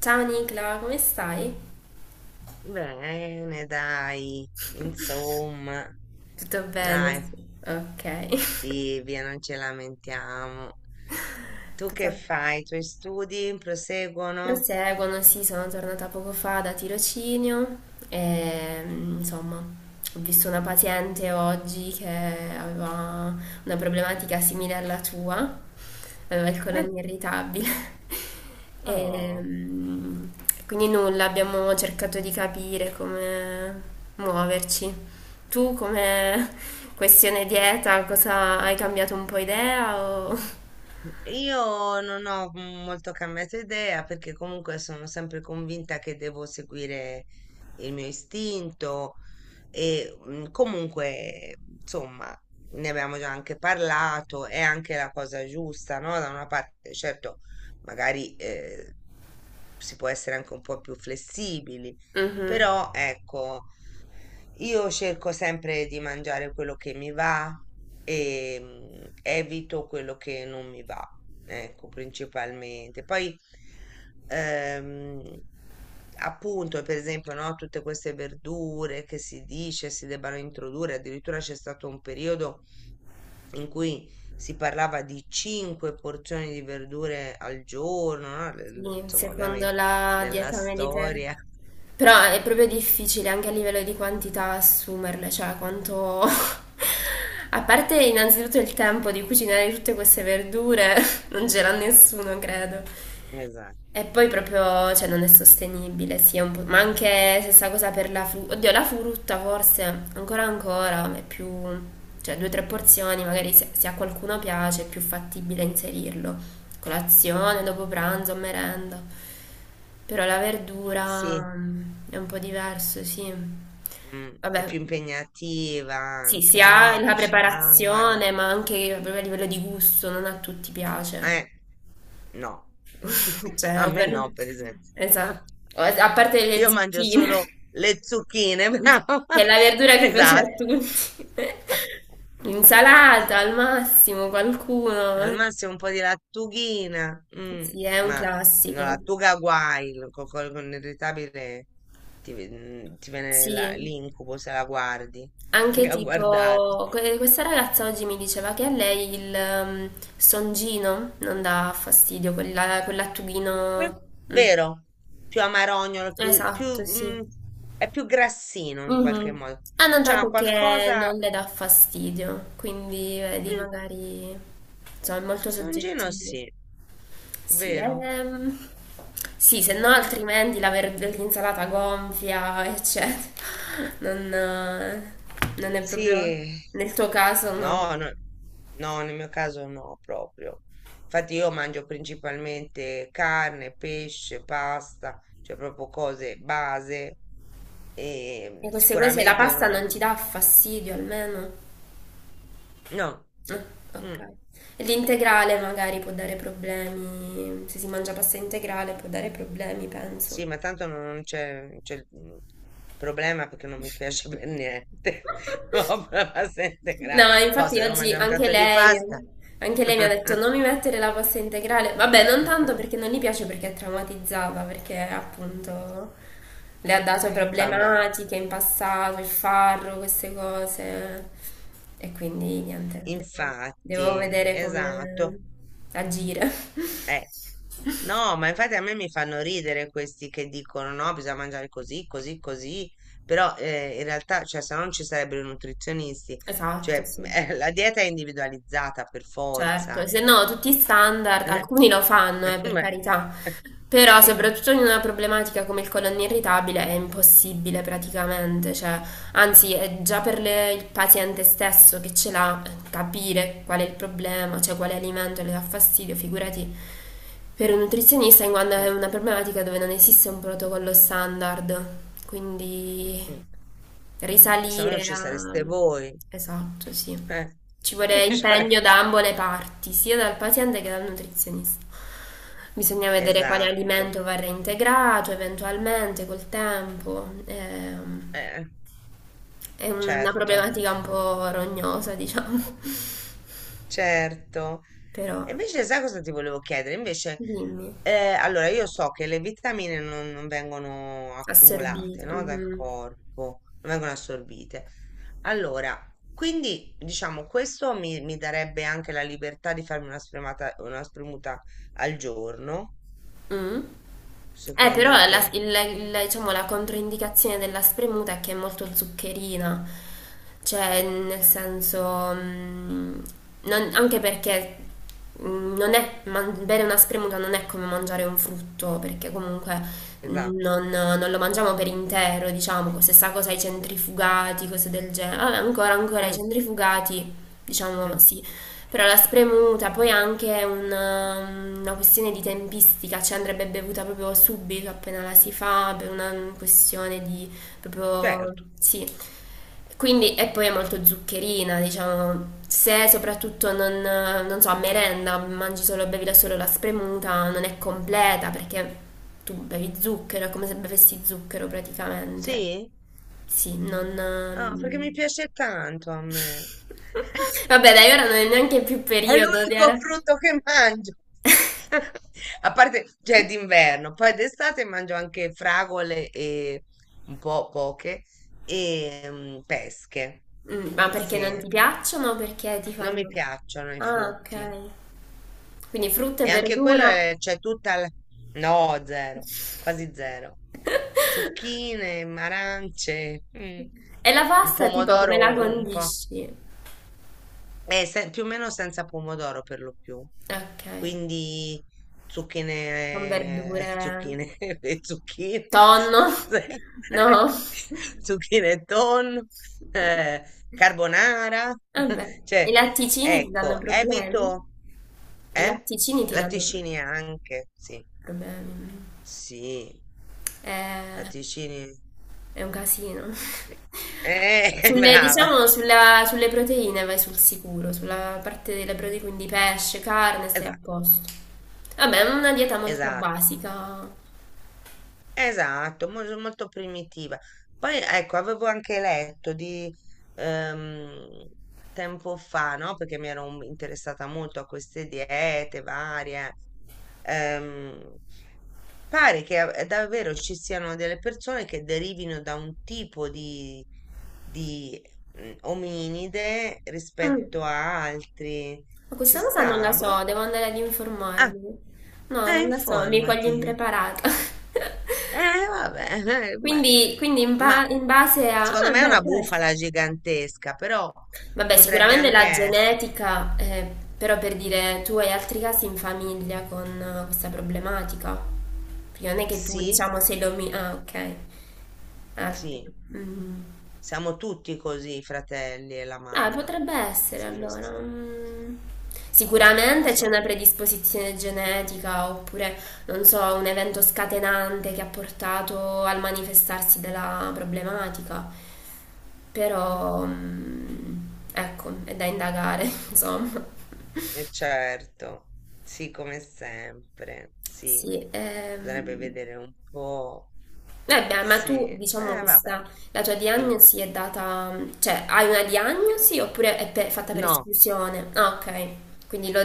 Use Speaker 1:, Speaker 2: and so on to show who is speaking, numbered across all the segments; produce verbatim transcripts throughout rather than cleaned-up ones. Speaker 1: Ciao Nicla, come stai?
Speaker 2: Bene, dai, insomma,
Speaker 1: Tutto bene?
Speaker 2: dai,
Speaker 1: Sì. Ok.
Speaker 2: Silvia, non ci lamentiamo. Tu che
Speaker 1: Cosa?
Speaker 2: fai? I tuoi studi proseguono?
Speaker 1: Proseguono, sì, sono tornata poco fa da tirocinio e insomma ho visto una paziente oggi che aveva una problematica simile alla tua, aveva il
Speaker 2: Eh,
Speaker 1: colon irritabile e
Speaker 2: Oh,
Speaker 1: mm, quindi nulla, abbiamo cercato di capire come muoverci. Tu come questione dieta, cosa hai cambiato un po' idea o...
Speaker 2: io non ho molto cambiato idea perché comunque sono sempre convinta che devo seguire il mio istinto. E mm, comunque, insomma, ne abbiamo già anche parlato, è anche la cosa giusta, no? Da una parte, certo, magari eh, si può essere anche un po' più flessibili,
Speaker 1: Mhm.
Speaker 2: però ecco, io cerco sempre di mangiare quello che mi va e mm, evito quello che non mi va. Ecco, principalmente. Poi, ehm, appunto, per esempio, no, tutte queste verdure che si dice si debbano introdurre, addirittura c'è stato un periodo in cui si parlava di cinque porzioni di verdure al giorno, no? Le- le-
Speaker 1: Sì,
Speaker 2: Insomma,
Speaker 1: secondo
Speaker 2: ovviamente
Speaker 1: la
Speaker 2: nella
Speaker 1: dieta mediterranea.
Speaker 2: storia.
Speaker 1: Però è proprio difficile anche a livello di quantità assumerle, cioè quanto... A parte innanzitutto il tempo di cucinare tutte queste verdure, non c'era nessuno, credo.
Speaker 2: Esatto.
Speaker 1: E poi proprio, cioè, non è sostenibile, sì, è un po'- ma anche stessa cosa per la frutta. Oddio, la frutta forse ancora ancora ma è più, cioè, due o tre porzioni, magari se, se a qualcuno piace è più fattibile inserirlo. Colazione, dopo pranzo, merenda. Però la verdura
Speaker 2: Sì,
Speaker 1: mm, è un po' diverso, sì.
Speaker 2: mm, è
Speaker 1: Vabbè,
Speaker 2: più impegnativa
Speaker 1: sì, si
Speaker 2: anche, no?
Speaker 1: ha
Speaker 2: A
Speaker 1: la
Speaker 2: cucinarla.
Speaker 1: preparazione, ma anche proprio a livello di gusto, non a tutti piace.
Speaker 2: Eh, no.
Speaker 1: Cioè,
Speaker 2: A me
Speaker 1: ovvero...
Speaker 2: no, per esempio.
Speaker 1: Esatto. O- A parte le
Speaker 2: Io mangio
Speaker 1: zucchine,
Speaker 2: solo le zucchine, bravo.
Speaker 1: che è la verdura che piace a
Speaker 2: Esatto.
Speaker 1: tutti. Insalata al massimo,
Speaker 2: Al
Speaker 1: qualcuno.
Speaker 2: massimo un po' di lattughina, mm,
Speaker 1: Sì, è un
Speaker 2: ma no,
Speaker 1: classico.
Speaker 2: lattuga guai, lo- co- co- con l'irritabile ti, ve- mm, ti viene la-
Speaker 1: Sì,
Speaker 2: l'incubo se la guardi,
Speaker 1: anche
Speaker 2: anche a guardare.
Speaker 1: tipo, que- questa ragazza oggi mi diceva che a lei il ehm, songino non dà fastidio, quella, quell'attughino. Mm.
Speaker 2: Vero? Più amarognolo, più, più,
Speaker 1: Esatto, sì.
Speaker 2: mm, è più grassino in qualche
Speaker 1: Mhm.
Speaker 2: modo.
Speaker 1: Ha
Speaker 2: C'ha
Speaker 1: notato che
Speaker 2: qualcosa...
Speaker 1: non le dà fastidio, quindi vedi,
Speaker 2: Mm,
Speaker 1: magari insomma, è molto
Speaker 2: songino
Speaker 1: soggettivo.
Speaker 2: sì,
Speaker 1: Sì,
Speaker 2: vero?
Speaker 1: ehm, sì, se no
Speaker 2: Boh.
Speaker 1: altrimenti la ver- l'insalata gonfia, eccetera. Non, eh, non è proprio
Speaker 2: Sì,
Speaker 1: nel tuo caso, no.
Speaker 2: no, no, no, nel mio caso no, proprio. Infatti io mangio principalmente carne, pesce, pasta, cioè proprio cose base e
Speaker 1: E queste cose, la
Speaker 2: sicuramente
Speaker 1: pasta
Speaker 2: non-
Speaker 1: non ti
Speaker 2: non-
Speaker 1: dà fastidio almeno.
Speaker 2: no,
Speaker 1: Eh,
Speaker 2: mm,
Speaker 1: ok. E l'integrale magari può dare problemi, se si mangia pasta integrale può dare problemi,
Speaker 2: sì,
Speaker 1: penso.
Speaker 2: ma tanto non non c'è non c'è il mm, problema perché non mi piace per niente. No, la pasta
Speaker 1: No,
Speaker 2: integrale. No,
Speaker 1: infatti
Speaker 2: se devo
Speaker 1: oggi
Speaker 2: mangiare un
Speaker 1: anche
Speaker 2: piatto di
Speaker 1: lei,
Speaker 2: pasta
Speaker 1: anche lei mi ha detto non mi mettere la pasta integrale. Vabbè, non tanto perché non gli piace, perché è traumatizzata, perché appunto le ha dato
Speaker 2: fa male.
Speaker 1: problematiche in passato, il farro, queste cose. E quindi niente, devo, devo
Speaker 2: Infatti,
Speaker 1: vedere
Speaker 2: esatto.
Speaker 1: come agire.
Speaker 2: Eh. No, ma infatti a me mi fanno ridere questi che dicono no, bisogna mangiare così, così, così, però eh, in realtà, cioè, se no non ci sarebbero i nutrizionisti,
Speaker 1: Esatto,
Speaker 2: cioè,
Speaker 1: sì,
Speaker 2: eh, la dieta è individualizzata per
Speaker 1: certo.
Speaker 2: forza.
Speaker 1: Se no, tutti i standard,
Speaker 2: Eh,
Speaker 1: alcuni lo fanno, eh, per
Speaker 2: ma,
Speaker 1: carità. Però,
Speaker 2: sì,
Speaker 1: soprattutto in una problematica come il colon irritabile, è impossibile praticamente, cioè, anzi, è già per le- il paziente stesso che ce l'ha eh, capire qual è il problema, cioè quale alimento le dà fastidio, figurati per un nutrizionista, in quanto è
Speaker 2: mm,
Speaker 1: una problematica dove non esiste un protocollo standard, quindi
Speaker 2: mm, se no non
Speaker 1: risalire
Speaker 2: ci
Speaker 1: a...
Speaker 2: sareste voi.
Speaker 1: Esatto, sì.
Speaker 2: Eh.
Speaker 1: Ci vorrebbe
Speaker 2: Cioè,
Speaker 1: impegno da ambo le parti, sia dal paziente che dal nutrizionista. Bisogna vedere quale
Speaker 2: esatto,
Speaker 1: alimento va reintegrato eventualmente col tempo. Ehm,
Speaker 2: eh,
Speaker 1: È una
Speaker 2: certo.
Speaker 1: problematica un po' rognosa, diciamo.
Speaker 2: Certo.
Speaker 1: Però,
Speaker 2: E invece sai cosa ti volevo chiedere? Invece,
Speaker 1: dimmi,
Speaker 2: eh, allora io so che le vitamine non, non vengono
Speaker 1: assorbite.
Speaker 2: accumulate, no? Dal
Speaker 1: Mhm.
Speaker 2: corpo, non vengono assorbite. Allora, quindi diciamo questo mi, mi darebbe anche la libertà di farmi una spremata, una spremuta al giorno,
Speaker 1: Mm. Eh, però
Speaker 2: secondo te?
Speaker 1: la, il- il- diciamo, la controindicazione della spremuta è che è molto zuccherina, cioè nel senso, mm, non- anche perché mm, non è, man- bere una spremuta non è come mangiare un frutto, perché comunque mm,
Speaker 2: Esatto.
Speaker 1: non, non lo mangiamo per intero, diciamo, stessa cosa ai centrifugati, cose del genere. Vabbè, ancora, ancora ai
Speaker 2: Mm,
Speaker 1: centrifugati, diciamo
Speaker 2: mm,
Speaker 1: sì, però la spremuta poi anche è una, una questione di tempistica, cioè andrebbe bevuta proprio subito appena la si fa, per una questione di proprio
Speaker 2: certo.
Speaker 1: sì. Quindi, e poi è molto zuccherina, diciamo, se soprattutto non, non so, a merenda mangi solo, bevi da solo la spremuta, non è completa perché tu bevi zucchero, è come se bevessi zucchero praticamente.
Speaker 2: Sì?
Speaker 1: Sì, non...
Speaker 2: Ah, perché mi
Speaker 1: um,
Speaker 2: piace tanto a me.
Speaker 1: Vabbè, dai, ora non è neanche più
Speaker 2: È
Speaker 1: periodo di
Speaker 2: l'unico
Speaker 1: ara-
Speaker 2: frutto che mangio. A parte, cioè, d'inverno, poi d'estate mangio anche fragole e un po' poche e mm, pesche.
Speaker 1: Mm, ma perché non
Speaker 2: Sì,
Speaker 1: ti piacciono? O perché ti
Speaker 2: non mi
Speaker 1: fanno...
Speaker 2: piacciono i
Speaker 1: Ah,
Speaker 2: frutti.
Speaker 1: ok. Quindi frutta e
Speaker 2: E anche quello
Speaker 1: verdura.
Speaker 2: è, c'è tutta la... No, zero, quasi zero. Zucchine, arance, mm,
Speaker 1: E la
Speaker 2: il
Speaker 1: pasta, tipo, come la
Speaker 2: pomodoro un po'.
Speaker 1: condisci?
Speaker 2: È se- Più o meno senza pomodoro per lo più.
Speaker 1: Ok,
Speaker 2: Quindi
Speaker 1: con
Speaker 2: zucchine,
Speaker 1: verdure.
Speaker 2: zucchine, e zucchine,
Speaker 1: Tonno? No.
Speaker 2: zucchine e tonno, eh, carbonara.
Speaker 1: Vabbè, i
Speaker 2: Cioè,
Speaker 1: latticini ti danno
Speaker 2: ecco,
Speaker 1: problemi?
Speaker 2: evito,
Speaker 1: I
Speaker 2: eh?
Speaker 1: latticini ti danno problemi.
Speaker 2: Latticini anche, sì,
Speaker 1: Problemi.
Speaker 2: sì,
Speaker 1: È,
Speaker 2: latticini.
Speaker 1: è un casino.
Speaker 2: Sì. Eh,
Speaker 1: Sulle,
Speaker 2: brava,
Speaker 1: diciamo, sulla- sulle proteine vai sul sicuro, sulla parte delle proteine, quindi pesce, carne, stai a
Speaker 2: esatto,
Speaker 1: posto. Vabbè, è una dieta molto
Speaker 2: esatto.
Speaker 1: basica.
Speaker 2: Esatto, mol molto primitiva. Poi ecco, avevo anche letto di ehm, tempo fa, no? Perché mi ero un- interessata molto a queste diete varie. ehm, pare che eh, davvero ci siano delle persone che derivino da un tipo di, di mm, ominide
Speaker 1: Mm.
Speaker 2: rispetto a altri.
Speaker 1: Ma
Speaker 2: Ci
Speaker 1: questa cosa non la
Speaker 2: sta?
Speaker 1: so,
Speaker 2: Boh?
Speaker 1: devo andare ad
Speaker 2: Ah,
Speaker 1: informarmi. No,
Speaker 2: eh,
Speaker 1: non la so, mi coglie
Speaker 2: informati.
Speaker 1: impreparata.
Speaker 2: Eh, vabbè, eh, ma,
Speaker 1: Quindi, quindi in,
Speaker 2: ma
Speaker 1: ba- in base a...
Speaker 2: secondo
Speaker 1: Ah,
Speaker 2: me è
Speaker 1: beh,
Speaker 2: una
Speaker 1: questo.
Speaker 2: bufala gigantesca, però
Speaker 1: Vabbè,
Speaker 2: potrebbe
Speaker 1: sicuramente
Speaker 2: anche
Speaker 1: la
Speaker 2: essere.
Speaker 1: genetica, eh, però per dire, tu hai altri casi in famiglia con eh, questa problematica? Perché non è che tu,
Speaker 2: Sì,
Speaker 1: diciamo, sei l'omino... Ah, ok. Altri.
Speaker 2: sì,
Speaker 1: Mm.
Speaker 2: siamo tutti così, i fratelli e la
Speaker 1: Ah,
Speaker 2: mamma.
Speaker 1: potrebbe essere
Speaker 2: Siamo,
Speaker 1: allora.
Speaker 2: s-
Speaker 1: Mm.
Speaker 2: lo
Speaker 1: Sicuramente c'è
Speaker 2: so,
Speaker 1: una predisposizione genetica oppure, non so, un evento scatenante che ha portato al manifestarsi della problematica.
Speaker 2: eh,
Speaker 1: Però, mm, ecco, è da indagare, insomma.
Speaker 2: eh, certo, sì, come sempre, sì.
Speaker 1: Sì.
Speaker 2: Bisognerebbe
Speaker 1: ehm.
Speaker 2: vedere un po'.
Speaker 1: Eh beh, ma
Speaker 2: Sì,
Speaker 1: tu,
Speaker 2: eh,
Speaker 1: diciamo,
Speaker 2: vabbè,
Speaker 1: questa, la tua
Speaker 2: dimmi.
Speaker 1: diagnosi è data, cioè, hai una diagnosi oppure è per- fatta per
Speaker 2: No.
Speaker 1: esclusione? Ah, ok, quindi lo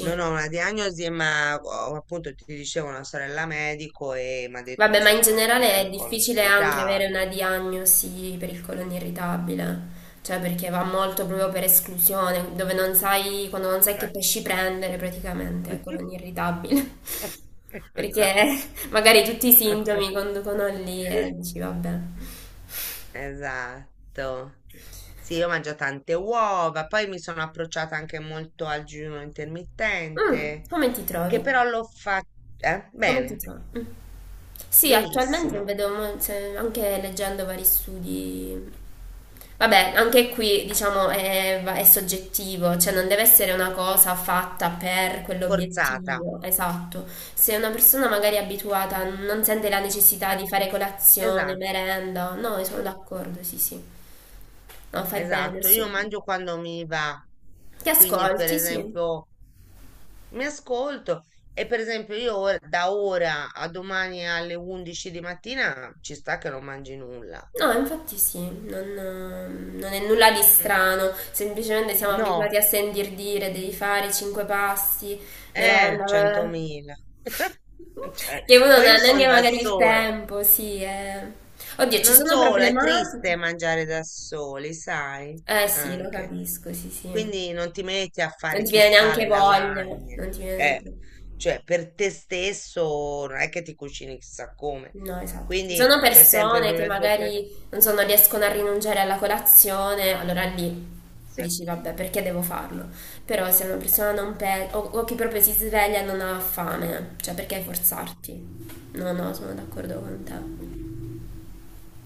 Speaker 2: Non ho una diagnosi, ma ho- appunto ti dicevo una sorella medico e mi ha detto
Speaker 1: Vabbè, ma in
Speaker 2: cioè, che
Speaker 1: generale
Speaker 2: è
Speaker 1: è
Speaker 2: un colon
Speaker 1: difficile anche avere
Speaker 2: irritabile.
Speaker 1: una diagnosi per il colon irritabile, cioè perché va molto proprio per esclusione, dove non sai, quando non sai che
Speaker 2: Eh.
Speaker 1: pesci prendere praticamente il colon irritabile, perché
Speaker 2: Esatto.
Speaker 1: magari tutti i sintomi conducono lì e dici vabbè.
Speaker 2: Esatto. Sì, io mangio tante uova, poi mi sono approcciata anche molto al digiuno
Speaker 1: Mm,
Speaker 2: intermittente,
Speaker 1: come ti trovi?
Speaker 2: che però l'ho fatto
Speaker 1: Come ti
Speaker 2: bene,
Speaker 1: sa? Mm. Sì, attualmente
Speaker 2: benissimo,
Speaker 1: vedo mo- se- anche leggendo vari studi. Vabbè, anche qui diciamo è, va- è soggettivo, cioè non deve essere una cosa fatta per
Speaker 2: forzata.
Speaker 1: quell'obiettivo, esatto. Se una persona magari è abituata non sente la necessità
Speaker 2: Eh,
Speaker 1: di fare colazione,
Speaker 2: esatto,
Speaker 1: merenda, no, io sono
Speaker 2: mm,
Speaker 1: d'accordo, sì, sì. No, fai bene,
Speaker 2: esatto, io
Speaker 1: assolutamente.
Speaker 2: mangio quando mi va.
Speaker 1: Ti
Speaker 2: Quindi, per
Speaker 1: ascolti, sì.
Speaker 2: esempio, mi ascolto e per esempio io ora- da ora a domani alle undici di mattina ci sta che non mangi nulla.
Speaker 1: No, infatti sì, non, non è nulla di
Speaker 2: Mm,
Speaker 1: strano, semplicemente siamo
Speaker 2: no,
Speaker 1: abituati a sentir dire devi fare cinque passi,
Speaker 2: eh,
Speaker 1: merenda, eh.
Speaker 2: centomila. Cioè,
Speaker 1: che uno non
Speaker 2: poi
Speaker 1: ha
Speaker 2: io sono
Speaker 1: neanche
Speaker 2: da
Speaker 1: magari il
Speaker 2: sola.
Speaker 1: tempo, sì. Eh. Oddio, ci
Speaker 2: Non
Speaker 1: sono
Speaker 2: solo, è triste
Speaker 1: problematiche?
Speaker 2: mangiare da soli, sai?
Speaker 1: Eh sì, lo
Speaker 2: Anche.
Speaker 1: capisco, sì, sì.
Speaker 2: Quindi non ti metti a
Speaker 1: Non
Speaker 2: fare
Speaker 1: ti viene
Speaker 2: chissà
Speaker 1: neanche
Speaker 2: le
Speaker 1: voglia,
Speaker 2: lasagne.
Speaker 1: non ti viene
Speaker 2: Eh,
Speaker 1: neanche...
Speaker 2: cioè, per te stesso non è che ti cucini chissà come.
Speaker 1: No, esatto. Ci sono
Speaker 2: Quindi c'è sempre
Speaker 1: persone che
Speaker 2: quelle due o tre
Speaker 1: magari, non so, non riescono a rinunciare alla colazione, allora lì
Speaker 2: cose.
Speaker 1: dici, vabbè, perché devo farlo? Però se una persona non pensa, o, o che proprio si sveglia e non ha fame, cioè perché
Speaker 2: No.
Speaker 1: forzarti? No, no, sono d'accordo con te.
Speaker 2: Ecco,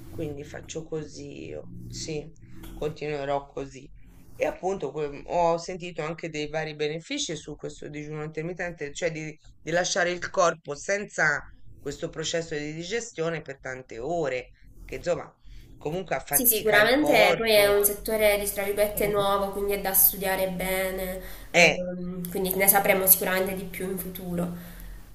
Speaker 2: quindi faccio così io, sì, continuerò così. E appunto que- ho sentito anche dei vari benefici su questo digiuno intermittente, cioè di, di lasciare il corpo senza questo processo di digestione per tante ore, che insomma comunque
Speaker 1: Sì,
Speaker 2: affatica il
Speaker 1: sicuramente poi è
Speaker 2: corpo.
Speaker 1: un settore, di, tra virgolette, nuovo, quindi è da studiare bene,
Speaker 2: Eh,
Speaker 1: ehm, quindi ne sapremo sicuramente di più in futuro.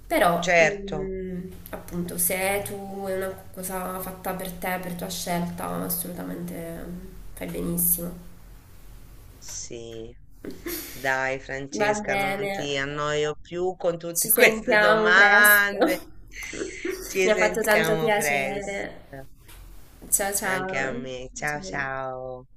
Speaker 1: Però,
Speaker 2: certo,
Speaker 1: mm, appunto, se tu è una cosa fatta per te, per tua scelta, assolutamente mm, fai benissimo.
Speaker 2: sì. Dai,
Speaker 1: Va
Speaker 2: Francesca,
Speaker 1: bene,
Speaker 2: non ti annoio più con
Speaker 1: ci
Speaker 2: tutte queste
Speaker 1: sentiamo presto.
Speaker 2: domande.
Speaker 1: Mi
Speaker 2: Ci
Speaker 1: ha fatto tanto
Speaker 2: sentiamo presto.
Speaker 1: piacere. Ciao
Speaker 2: Anche a
Speaker 1: ciao.
Speaker 2: me. Ciao
Speaker 1: Ciao.
Speaker 2: ciao.